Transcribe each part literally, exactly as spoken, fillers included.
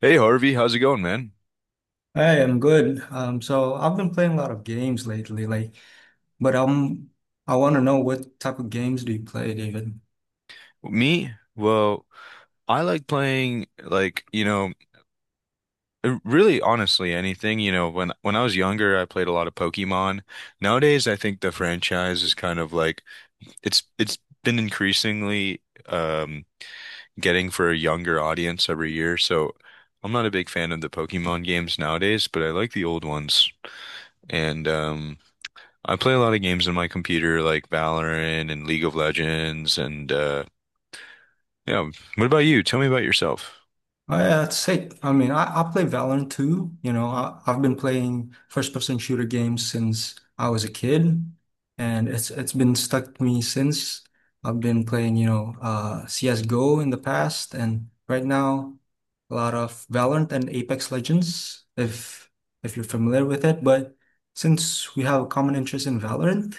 Hey Harvey, how's it going, man? Hey, I am good. Um, so I've been playing a lot of games lately, like, but um, I want to know what type of games do you play, David? Me? Well, I like playing like, you know, uh, really honestly anything, you know, when when I was younger, I played a lot of Pokemon. Nowadays, I think the franchise is kind of like it's it's been increasingly um getting for a younger audience every year. So, I'm not a big fan of the Pokemon games nowadays, but I like the old ones. And um I play a lot of games on my computer like Valorant and League of Legends and uh yeah. What about you? Tell me about yourself. Uh, say, I mean, I, I play Valorant too. You know, I, I've been playing first-person shooter games since I was a kid, and it's it's been stuck to me since. I've been playing, you know, uh, C S:G O in the past, and right now, a lot of Valorant and Apex Legends, if if you're familiar with it. But since we have a common interest in Valorant,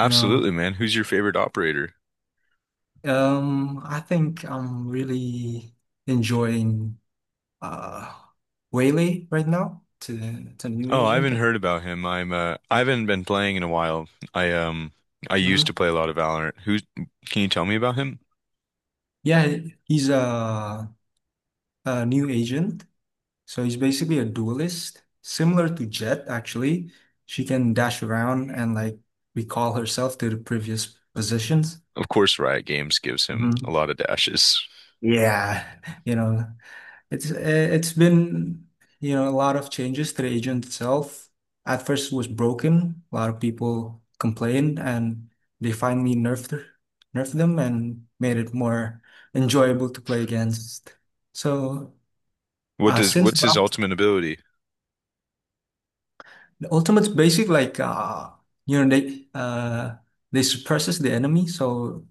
you know, man. Who's your favorite operator? um, I think I'm really enjoying. uh Whaley right now to to new Oh, I agent. haven't heard about him. I'm uh I haven't been playing in a while. I um I used Hmm. to play a lot of Valorant. Who Can you tell me about him? Yeah, he's a a new agent. So he's basically a duelist, similar to Jet actually. She can dash around and like recall herself to the previous positions. Of course, Riot Games gives him a Mhm. lot of dashes. Yeah, you know. It's uh, it's been you know a lot of changes to the agent itself. At first, it was broken. A lot of people complained, and they finally nerfed nerfed them and made it more enjoyable to play against. So What uh, does since what's his that, ultimate ability? the ultimate's basic like uh, you know they uh, they suppresses the enemy, so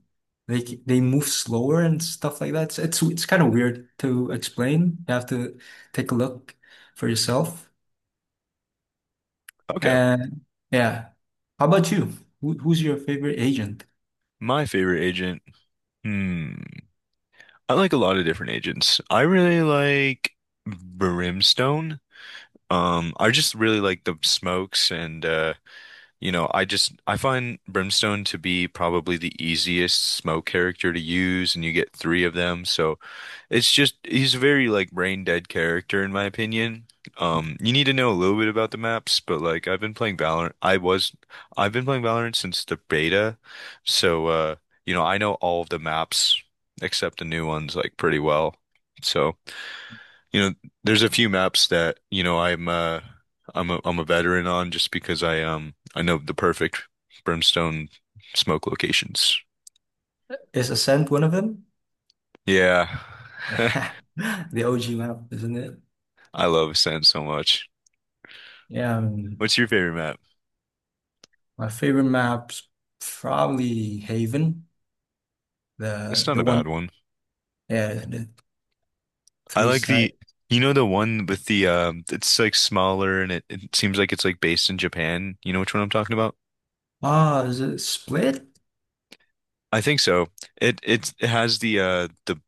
they they move slower and stuff like that. It's it's, it's kind of weird to explain. You have to take a look for yourself. Okay. And yeah, how about you? Who, who's your favorite agent? My favorite agent. Hmm. I like a lot of different agents. I really like Brimstone. Um, I just really like the smokes and uh You know, I just I find Brimstone to be probably the easiest smoke character to use, and you get three of them. So it's just he's a very like brain dead character in my opinion. Um, you need to know a little bit about the maps, but like I've been playing Valorant. I was I've been playing Valorant since the beta, so uh, you know, I know all of the maps except the new ones like pretty well. So. You know, there's a few maps that, you know, I'm uh I'm a I'm a veteran on just because I um I know the perfect brimstone smoke locations. Is Ascent one of them? Yeah. Yeah, the O G map, isn't it? I love sand so much. Yeah, um, What's your favorite map? my favorite map's probably Haven, It's the not the a bad one, one. yeah, the I three like side. the you know the one with the um it's like smaller and it, it seems like it's like based in Japan. You know which one I'm talking about? Ah, is it Split? I think so. It it it has the uh the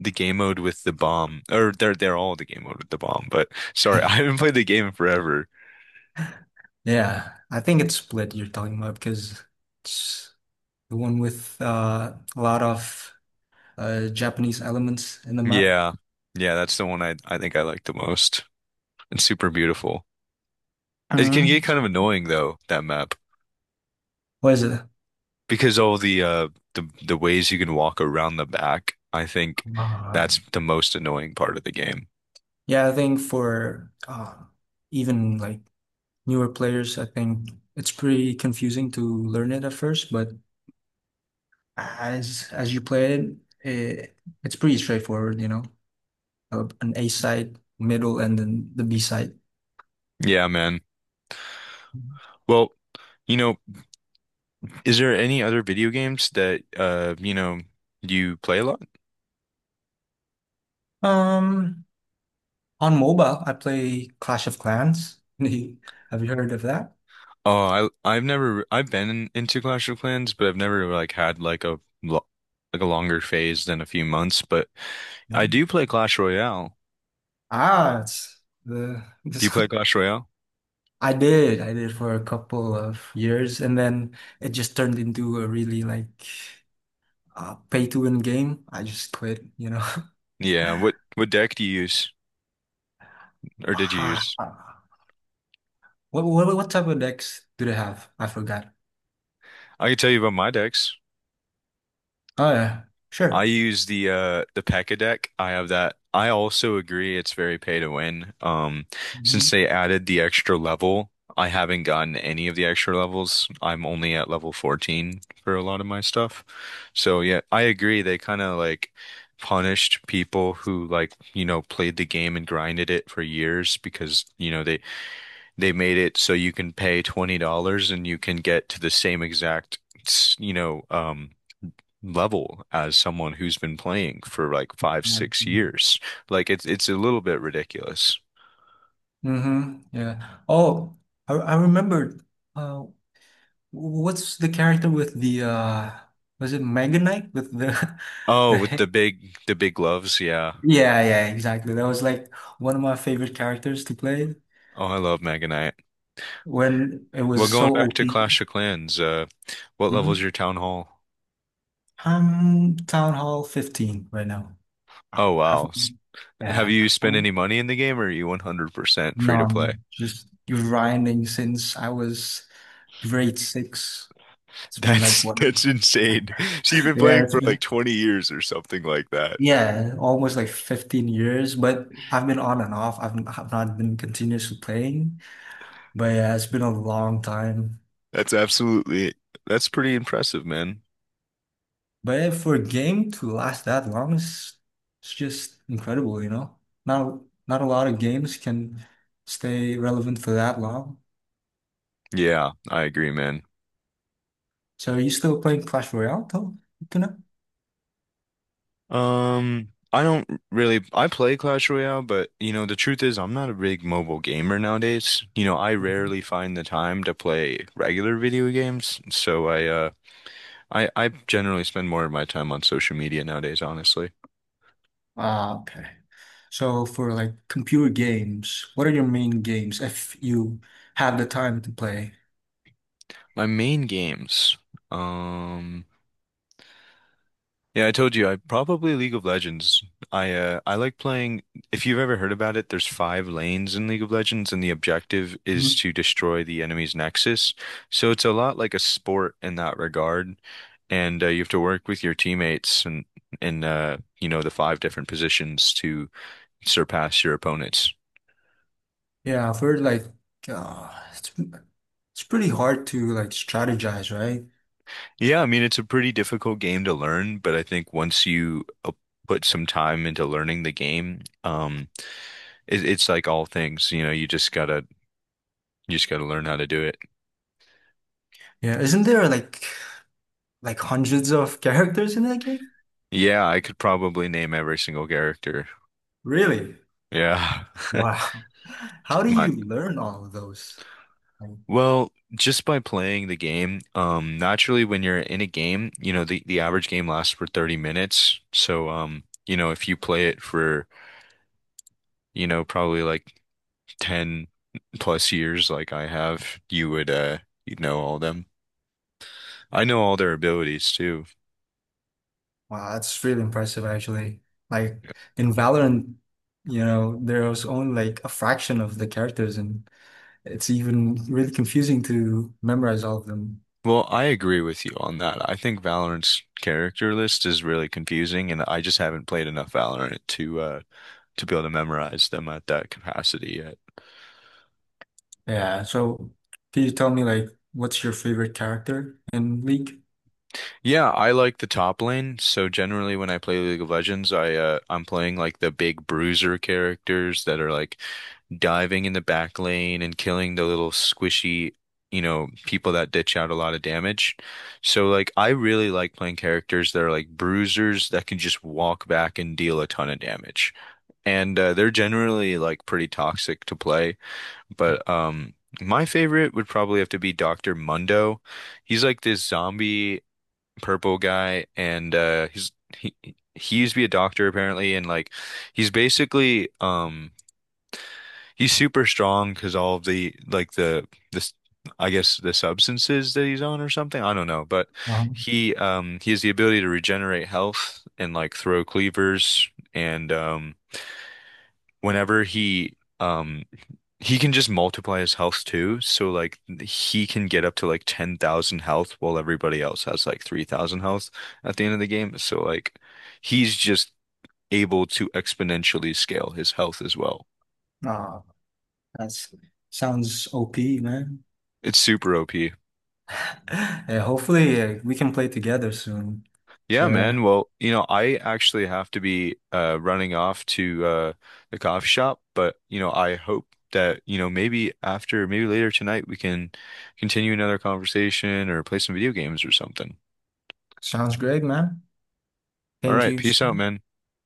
the game mode with the bomb, or they're they're all the game mode with the bomb. But sorry, I haven't played the game in forever. Yeah, I think it's Split you're talking about because it's the one with uh, a lot of uh, Japanese elements in the map. Yeah, yeah, that's the one I I think I like the most. It's super beautiful. It can get Mhm. kind of annoying though that map What is because all the uh the the ways you can walk around the back. I think it? that's the most annoying part of the game. Yeah, I think for um, even like newer players, I think it's pretty confusing to learn it at first, but as as you play it, it it's pretty straightforward, you know, Uh, an A side, middle, and then the B side. Yeah, man. Well, you know, is there any other video games that uh you know you play a lot? Um, on mobile, I play Clash of Clans. Have you heard of that? Oh, I I've never I've been in, into Clash of Clans, but I've never like had like a lo like a longer phase than a few months. But I No. do play Clash Royale. Ah, it's the Do you this, play Clash Royale? I did. I did for a couple of years, and then it just turned into a really like uh, pay to win game, I just quit, you know. Yeah. What what deck do you use, or did you Ah, use? what, what what type of decks do they have? I forgot. I can tell you about my decks. Oh yeah, I sure. use the uh the P.E.K.K.A deck. I have that. I also agree it's very pay to win. Um, since Mm-hmm. they added the extra level, I haven't gotten any of the extra levels. I'm only at level fourteen for a lot of my stuff. So yeah, I agree. They kind of like punished people who like, you know, played the game and grinded it for years because, you know, they they made it so you can pay twenty dollars and you can get to the same exact, you know, um level as someone who's been playing for like five, six years. Like it's it's a little bit ridiculous. Mm-hmm. Yeah. Oh, I I remembered. Uh, what's the character with the uh was it Mega Knight with the Oh, the with head? the big the big gloves, yeah. Yeah, yeah, exactly. That was like one of my favorite characters to play Oh, I love Mega Knight. when it Well, was going so back to O P. Clash of Clans, uh, what level is Mhm. your town hall? I'm Town Hall fifteen right now. Oh I've wow. S- Have yeah, you spent any I'm money in the game or are you one hundred percent free to play? none. Just grinding since I was grade six. It's been like That's what? that's insane. So you've been Yeah, playing it's for been like twenty years or something like that. yeah, almost like fifteen years. But I've been on and off. I've I've not been continuously playing. But yeah, it's been a long time. That's absolutely that's pretty impressive, man. But yeah, for a game to last that long is it's just incredible, you know? Not not a lot of games can stay relevant for that long. Yeah, I agree, man. So are you still playing Clash Royale though? Um, I don't really, I play Clash Royale, but you know, the truth is I'm not a big mobile gamer nowadays. You know, I Mhm. rarely find the time to play regular video games, so I uh I I generally spend more of my time on social media nowadays, honestly. Ah, okay. So for like computer games, what are your main games if you have the time to play? My main games. Um Yeah, I told you, I probably League of Legends. I uh I like playing if you've ever heard about it, there's five lanes in League of Legends and the objective is Mhm. to destroy the enemy's nexus. So it's a lot like a sport in that regard. And uh, you have to work with your teammates and in uh you know the five different positions to surpass your opponents. Yeah, for like, uh, it's it's pretty hard to like strategize, right? Yeah, I mean it's a pretty difficult game to learn, but I think once you uh, put some time into learning the game, um it, it's like all things, you know, you just gotta You just got to learn how to do it. Yeah, isn't there like like hundreds of characters in that game? Yeah, I could probably name every single character. Really? Yeah. Wow. How do My you learn all of those? Like, Well, just by playing the game, um, naturally when you're in a game, you know, the, the average game lasts for thirty minutes. So, um, you know, if you play it for, you know, probably like ten plus years like I have, you would uh you'd know all them. I know all their abilities too. wow, that's really impressive actually. Like in Valorant, you know, there was only like a fraction of the characters in it's even really confusing to memorize all of them. Well, I agree with you on that. I think Valorant's character list is really confusing, and I just haven't played enough Valorant to uh to be able to memorize them at that capacity yet. Yeah. So can you tell me like what's your favorite character in League? Yeah, I like the top lane, so generally when I play League of Legends, I uh I'm playing like the big bruiser characters that are like diving in the back lane and killing the little squishy, you know, people that ditch out a lot of damage. So like I really like playing characters that are like bruisers that can just walk back and deal a ton of damage. And uh, they're generally like pretty toxic to play. But um, my favorite would probably have to be Doctor Mundo. He's like this zombie purple guy, and uh, he's he he used to be a doctor apparently, and like he's basically um he's super strong because all of the like the this. I guess the substances that he's on or something. I don't know, but Wow. he um he has the ability to regenerate health and like throw cleavers and um whenever he um he can just multiply his health too, so like he can get up to like ten thousand health while everybody else has like three thousand health at the end of the game. So like he's just able to exponentially scale his health as well. Ah, that's sounds O P, man. It's super O P. Yeah, hopefully uh, we can play together soon. Yeah, So yeah, man. Well, you know, I actually have to be uh running off to uh the coffee shop, but you know, I hope that, you know, maybe after maybe later tonight we can continue another conversation or play some video games or something. sounds great, man. All Thank right, you. peace out, man.